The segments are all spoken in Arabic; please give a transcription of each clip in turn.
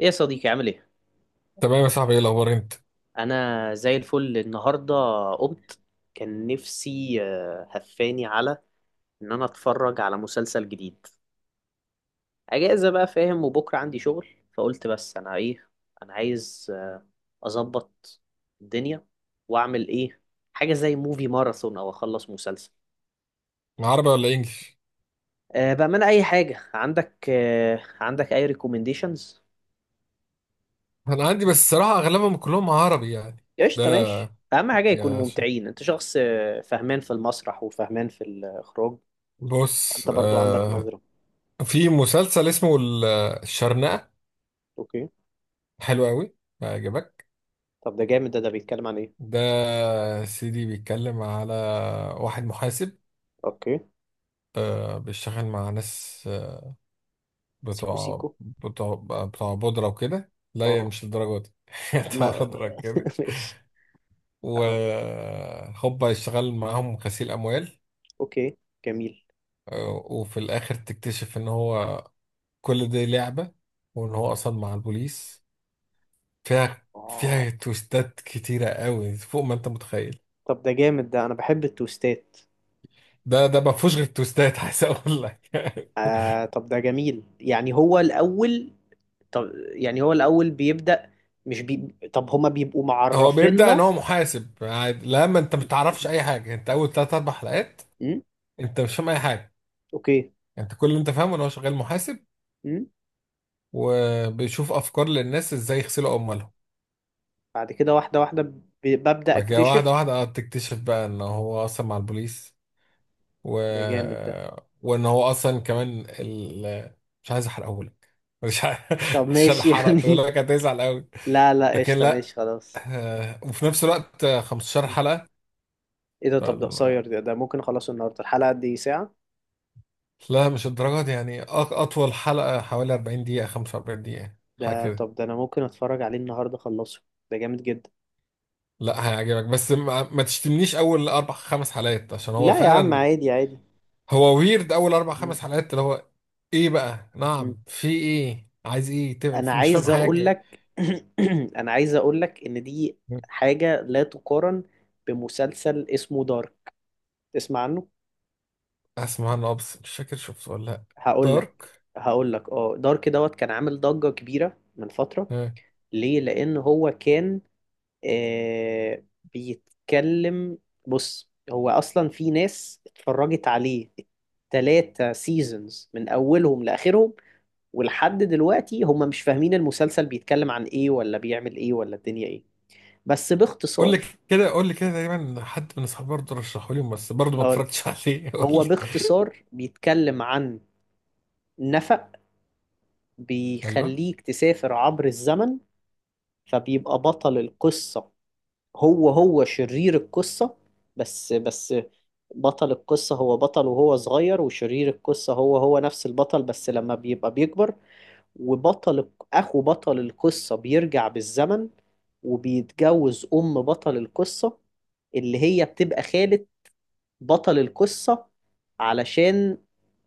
ايه يا صديقي، عامل ايه؟ تمام يا صاحبي، ايه الاخبار؟ انت انا زي الفل النهارده. قمت. كان نفسي هفاني على ان انا اتفرج على مسلسل جديد. اجازه بقى، فاهم، وبكره عندي شغل. فقلت بس انا ايه؟ انا عايز اظبط الدنيا واعمل ايه، حاجه زي موفي ماراثون او اخلص مسلسل. مع عربي ولا انجليش؟ أه، بامانه اي حاجه عندك. عندك اي ريكومنديشنز؟ انا عندي بس الصراحه اغلبهم كلهم عربي يعني. ده قشطه، ماشي. اهم حاجه يكونوا يعني عشان، ممتعين. انت شخص فهمان في المسرح وفهمان في الاخراج. بص، انت برضو عندك نظرة. في مسلسل اسمه الشرنقه. اوكي، حلو قوي، هيعجبك. طب ده جامد. ده بيتكلم عن ايه؟ ده سيدي بيتكلم على واحد محاسب، اوكي. بيشتغل مع ناس، سيكو بتوع سيكو. بتوع بتوع بودره وكده. لا يا، اه. مش الدرجه دي. بتوع ما بودره كده. ماشي. اه، وهوبا يشتغل معاهم غسيل اموال، اوكي، جميل. وفي الاخر تكتشف ان هو كل دي لعبة، وان هو اصلا مع البوليس. فيها اه فيها تويستات كتيرة قوي فوق ما انت متخيل. طب ده جامد ده انا بحب التوستات ده ما فيهوش غير تويستات، عايز اقول لك. آه، طب ده جميل. يعني هو الاول، طب، يعني هو الاول بيبدأ، مش بي... طب هما بيبقوا هو بيبدأ ان معرفيننا؟ هو محاسب عادي، لما انت ما بتعرفش اي حاجة انت اول تلات اربع حلقات. امم انت مش فاهم اي حاجة. اوكي. انت كل اللي انت فاهمه ان هو شغال محاسب، امم وبيشوف افكار للناس ازاي يغسلوا اموالهم. بعد كده واحدة واحدة ببدأ بعد كده واحدة اكتشف. واحدة، تكتشف بقى ان هو اصلا مع البوليس، و... ده جامد ده. وان هو اصلا كمان مش عايز احرقه لك، مش عايز. طب عشان ماشي، حرقت اقول يعني لك هتزعل قوي، لا لا، لكن قشطة، لا. ماشي خلاص. وفي نفس الوقت، 15 حلقة. ايه ده؟ طب ده فال- قصير، ده ممكن اخلصه النهارده. الحلقة قد ايه، ساعة؟ لا مش الدرجة دي يعني، أطول حلقة حوالي 40 دقيقة، 45 دقيقة، حاجة ده؟ كده. طب ده انا ممكن اتفرج عليه النهارده، اخلصه. ده جامد جدا. لا هيعجبك، بس ما تشتمنيش أول أربع خمس حلقات عشان هو لا يا عم، فعلا عادي عادي. هو ويرد أول أربع م- خمس حلقات اللي هو إيه بقى، م. نعم في إيه، عايز إيه؟ انا مش فاهم عايز اقول حاجة. لك، انا عايز اقول لك ان دي حاجة لا تقارن بمسلسل اسمه دارك. تسمع عنه؟ اسمه عنه ابس مش فاكر شفته ولا لا. هقول لك دارك. هقول لك اه، دارك دوت كان عامل ضجة كبيرة من فترة. آه. ليه؟ لان هو كان، آه، بيتكلم. بص، هو اصلا في ناس اتفرجت عليه 3 سيزونز من اولهم لاخرهم، ولحد دلوقتي هم مش فاهمين المسلسل بيتكلم عن ايه ولا بيعمل ايه ولا الدنيا ايه. بس قول لي باختصار، كده، قول لي كده، تقريبا حد من اصحابي برضه رشحه لي، بس برضه ما هقول، اتفرجتش عليه. قول هو لي. باختصار بيتكلم عن نفق ايوه. بيخليك تسافر عبر الزمن. فبيبقى بطل القصة هو شرير القصة. بس بطل القصة هو بطل وهو صغير، وشرير القصة هو نفس البطل بس لما بيبقى بيكبر. وبطل، أخو بطل القصة، بيرجع بالزمن وبيتجوز أم بطل القصة، اللي هي بتبقى خالة بطل القصة، علشان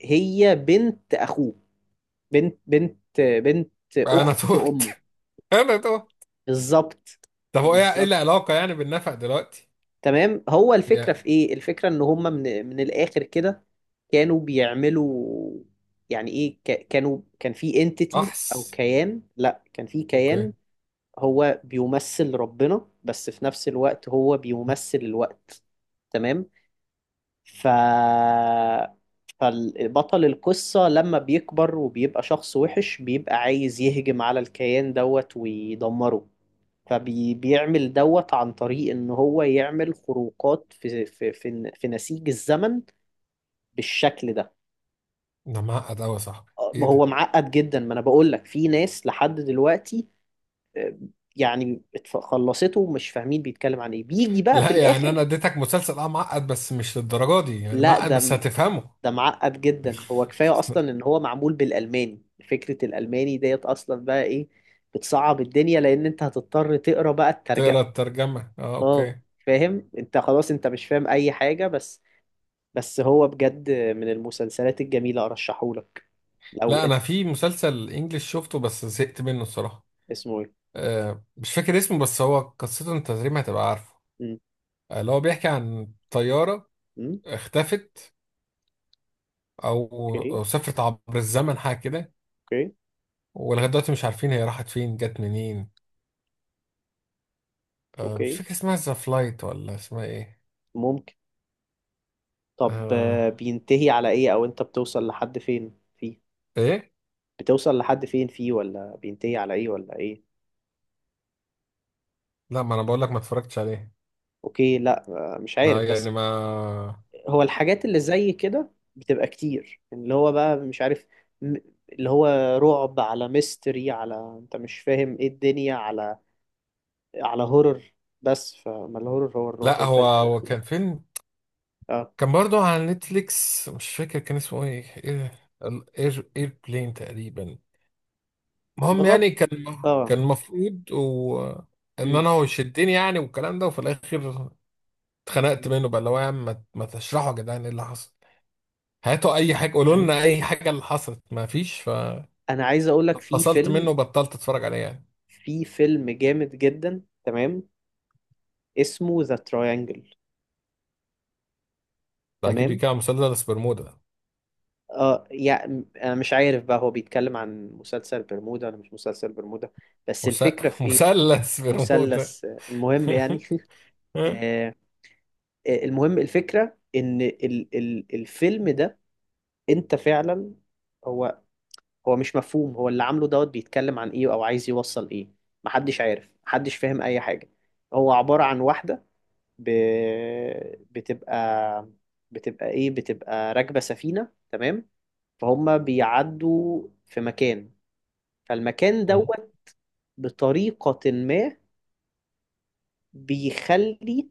هي بنت أخوه. بنت انا أخت تهت. أمه. انا تهت. بالظبط. طب هو ايه، إيه بالظبط. العلاقه يعني بالنفق دلوقتي؟ تمام، هو يا الفكرة في ايه، الفكرة ان هم، من الاخر كده، كانوا بيعملوا، يعني ايه، كان في انتيتي او بحث. كيان. لا، كان في كيان اوكي. هو بيمثل ربنا، بس في نفس الوقت هو بيمثل الوقت. تمام. ف فالبطل القصة لما بيكبر وبيبقى شخص وحش، بيبقى عايز يهجم على الكيان دوت ويدمره، فبيعمل دوت عن طريق ان هو يعمل خروقات في نسيج الزمن، بالشكل ده. ده معقد قوي يا صاحبي، ايه هو ده؟ معقد جدا. ما انا بقول لك، في ناس لحد دلوقتي، آه، يعني خلصته ومش فاهمين بيتكلم عن ايه، بيجي بقى في لا يعني الاخر. انا اديتك مسلسل اه معقد، بس مش للدرجه دي يعني، لا معقد ده بس هتفهمه. ده معقد جدا. هو كفايه اصلا ان هو معمول بالالماني. فكره الالماني ديت اصلا بقى ايه، بتصعب الدنيا، لان انت هتضطر تقرا بقى الترجمه. تقرا الترجمه، اه اه، اوكي. فاهم انت، خلاص انت مش فاهم اي حاجه. بس بس هو بجد من المسلسلات الجميلة، أرشحهولك لو لا أنت. انا في مسلسل انجليش شفته بس زهقت منه الصراحه. اسمه إيه؟ مش فاكر اسمه، بس هو قصته انت تقريبا هتبقى عارفه. مم. اللي هو بيحكي عن طيارة مم. اختفت، أو أوكي. أو سافرت عبر الزمن حاجة كده. أوكي. ولغاية دلوقتي مش عارفين هي راحت فين جت منين. مش أوكي فاكر اسمها ذا فلايت ولا اسمها ايه. ممكن. طب، آه، بينتهي على إيه، أو أنت بتوصل لحد فين فيه؟ ايه. بتوصل لحد فين فيه، ولا بينتهي على إيه ولا إيه؟ لا ما انا بقول لك ما اتفرجتش عليه. أوكي. لا، مش ما عارف، بس يعني ما. هو الحاجات اللي زي كده بتبقى كتير، اللي هو بقى مش عارف، م- اللي هو رعب، على ميستري، على أنت مش فاهم إيه الدنيا، على على هورر. بس فما الهورر هو الرعب لا هو الفلح ده. هو كان فيلم، اه. كان برضه على نتفليكس، مش فاكر كان اسمه ايه. اير بلين تقريبا. المهم يعني بغض. كان، اه. كان المفروض ان مم. انا هو يشدني يعني والكلام ده، وفي الاخر مم. اتخنقت منه بقى اللي هو يا عم، ما تشرحوا يا جدعان ايه اللي حصل، هاتوا اي حاجه، قولوا لنا اي حاجه اللي حصلت، ما فيش. انا عايز اقول لك في ففصلت منه فيلم، وبطلت اتفرج عليه يعني. في فيلم جامد جدا، تمام، اسمه ذا تراينجل. ده اكيد تمام. بيتكلم عن مثلث برمودا. اه، يعني انا مش عارف بقى، هو بيتكلم عن مسلسل برمودا ولا مش مسلسل برمودا. بس مس... الفكرة في ايه، مثلث برمودا. مثلث، المهم يعني، آه، المهم، الفكرة ان ال الفيلم ده، انت فعلا، هو هو مش مفهوم، هو اللي عامله دوت بيتكلم عن ايه او عايز يوصل ايه. محدش عارف، محدش فاهم اي حاجة. هو عبارة عن واحدة ب... بتبقى، بتبقى ايه، بتبقى راكبة سفينة. تمام، فهم بيعدوا في مكان، فالمكان أه. دوت بطريقة ما بيخلي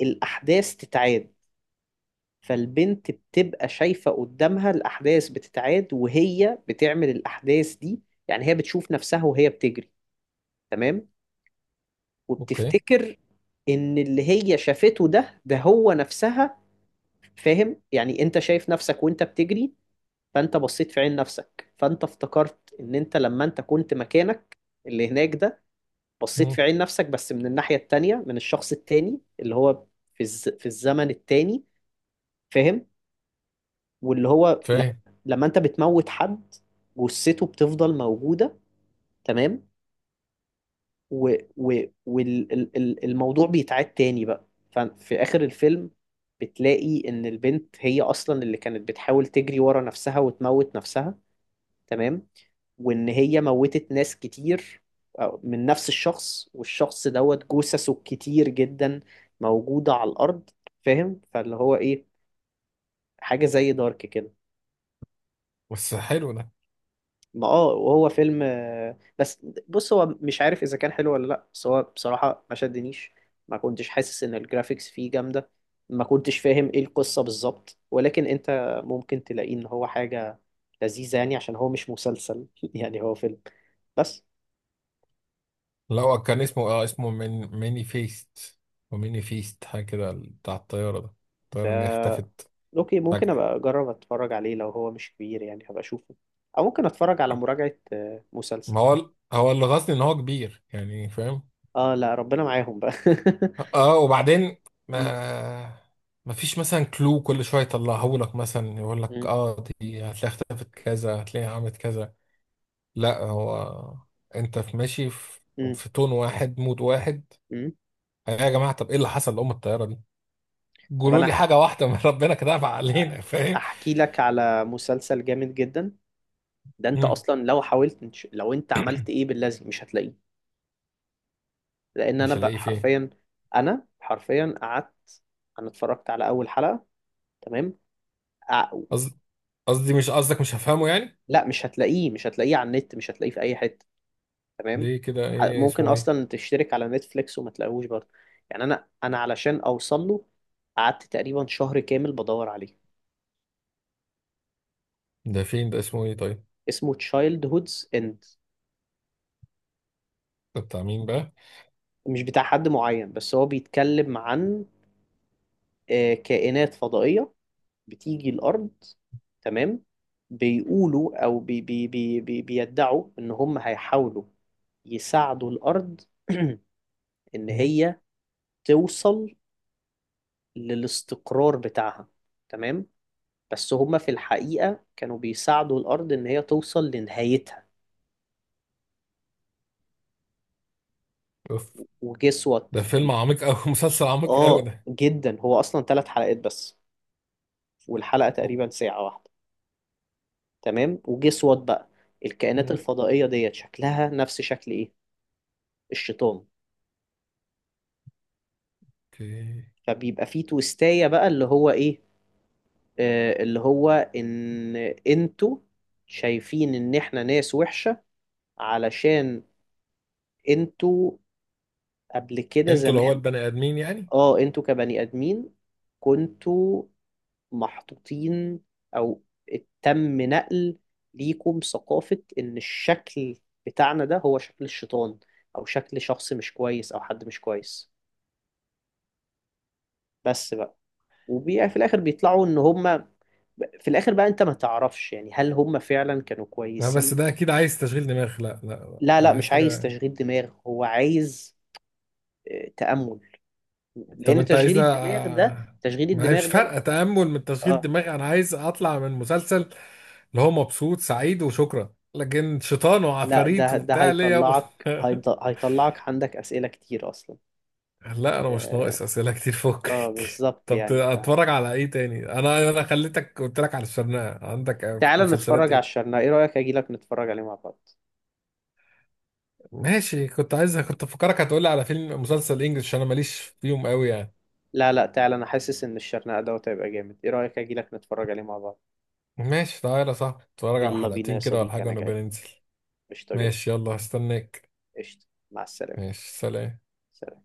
الأحداث تتعاد. فالبنت بتبقى شايفة قدامها الأحداث بتتعاد وهي بتعمل الأحداث دي. يعني هي بتشوف نفسها وهي بتجري، تمام، اوكي. وبتفتكر ان اللي هي شافته ده هو نفسها. فاهم، يعني انت شايف نفسك وانت بتجري، فانت بصيت في عين نفسك، فانت افتكرت ان انت لما انت كنت مكانك اللي هناك ده، بصيت في أه. عين نفسك بس من الناحية التانية، من الشخص التاني اللي هو في الزمن التاني. فاهم. واللي هو فاهم. لما انت بتموت حد، جثته بتفضل موجودة، تمام، والموضوع بيتعاد تاني بقى. ففي آخر الفيلم بتلاقي إن البنت هي أصلا اللي كانت بتحاول تجري ورا نفسها وتموت نفسها، تمام، وإن هي موتت ناس كتير، أو- من نفس الشخص، والشخص دوت جثثه كتير جدا موجودة على الأرض. فاهم؟ فاللي هو إيه، حاجة زي دارك كده. بس حلو ده. ما اه، وهو فيلم، بس بص هو مش عارف اذا كان حلو ولا لا، بس هو بصراحة ما شدنيش، ما كنتش حاسس ان الجرافيكس فيه جامدة، ما كنتش فاهم ايه القصة بالظبط، ولكن انت ممكن تلاقيه ان هو حاجة لذيذة، يعني عشان هو مش مسلسل، يعني هو فيلم بس. لو كان اسمه اه اسمه من ميني فيست، وميني فيست حاجه كده بتاع الطياره ده، الطياره اللي هي ده؟ اختفت اوكي، ممكن فجأة. ابقى اجرب اتفرج عليه لو هو مش كبير، يعني هبقى اشوفه، او ممكن اتفرج على مراجعة. مسلسل، ما هو هو اللي غاصني ان هو كبير يعني، فاهم. اه، لا ربنا معاهم بقى. اه وبعدين، م- ما ما فيش مثلا كلو كل شويه يطلعه لك مثلا، يقول لك م- اه دي هتلاقيها اختفت كذا، هتلاقيها عملت كذا. لا هو انت في ماشي في م- في تون واحد، مود واحد. م. يا جماعه طب ايه اللي حصل لام الطياره دي؟ طب قولوا لي انا حاجه واحده من ربنا كده أبعد علينا، فاهم. احكي لك على مسلسل جامد جدا. ده انت مم. اصلا لو حاولت، انت- لو انت عملت ايه باللازم، مش هتلاقيه. لان انا مش بقى هلاقيه فين؟ حرفيا، انا حرفيا قعدت، انا اتفرجت على اول حلقة، تمام، أع- قصد- قصدي مش قصدك مش هفهمه يعني. لا، مش هتلاقيه، مش هتلاقيه على النت، مش هتلاقيه في اي حتة. تمام. ليه كده، ايه ممكن اسمه، ايه؟ اصلا تشترك على نتفليكس وما تلاقيهوش برضه. يعني انا، علشان اوصل له قعدت تقريبا شهر كامل بدور عليه. ده فين ده، اسمه ايه طيب؟ اسمه Childhood's End. ده بتاع مين بقى؟ مش بتاع حد معين، بس هو بيتكلم عن، كائنات فضائية بتيجي الأرض، تمام، بيقولوا أو بي بي بي بي بيدعوا إن هم هيحاولوا يساعدوا الأرض، إن مم. هي توصل للاستقرار بتاعها، تمام. بس هم في الحقيقة كانوا بيساعدوا الأرض إن هي توصل لنهايتها. اوف. ده وجسوت فيلم ال... عميق قوي مسلسل عميق قوي آه ده. جدا، هو أصلا 3 حلقات بس، والحلقة تقريبا ساعة واحدة، تمام. وجسوت بقى الكائنات الفضائية ديت شكلها نفس شكل إيه، الشيطان. اوكي. فبيبقى فيه تويستاية بقى، اللي هو ايه، آه، اللي هو ان انتوا شايفين ان احنا ناس وحشة، علشان انتوا قبل كده انتوا اللي هو زمان، البني ادمين يعني. اه، انتوا كبني ادمين كنتوا محطوطين، او تم نقل ليكم ثقافة ان الشكل بتاعنا ده هو شكل الشيطان، او شكل شخص مش كويس او حد مش كويس. بس بقى، وفي الاخر بيطلعوا ان هم، في الاخر بقى انت ما تعرفش يعني هل هم فعلا كانوا لا بس كويسين. ده اكيد عايز تشغيل دماغ. لا لا لا. لا لا، انا عايز مش عايز حاجه. تشغيل دماغ، هو عايز تأمل. طب لان انت تشغيل عايزنا، الدماغ ده، تشغيل ما هي مش الدماغ ده، فارقه تامل من تشغيل اه، دماغ، انا عايز اطلع من مسلسل اللي هو مبسوط سعيد وشكرا، لكن شيطان لا، وعفاريت ده وبتاع ليه يابا؟ هيطلعك، هيطلعك عندك أسئلة كتير اصلا. لا انا مش اه، ناقص اسئله كتير، فكك. بالظبط طب يعني. اتفرج على ايه تاني، انا خليتك قلت لك على الشرنقه، عندك تعال مسلسلات نتفرج على إيه؟ الشرنقة، ايه رأيك اجيلك نتفرج عليه مع بعض؟ ماشي كنت عايزها، كنت فكرك هتقولي على فيلم مسلسل انجلش عشان انا ماليش فيهم قوي يعني. لا لا، تعال، انا حاسس ان الشرنقة دوت هيبقى جامد. ايه رأيك اجيلك نتفرج عليه مع بعض؟ ماشي تعالى يا صاحبي، اتفرج على يلا بينا يا حلقتين كده ولا صديقي، حاجة انا ونبقى جاي. ننزل. قشطة جدا. ماشي، يلا هستناك. قشطة، مع السلامة. ماشي سلام. سلام.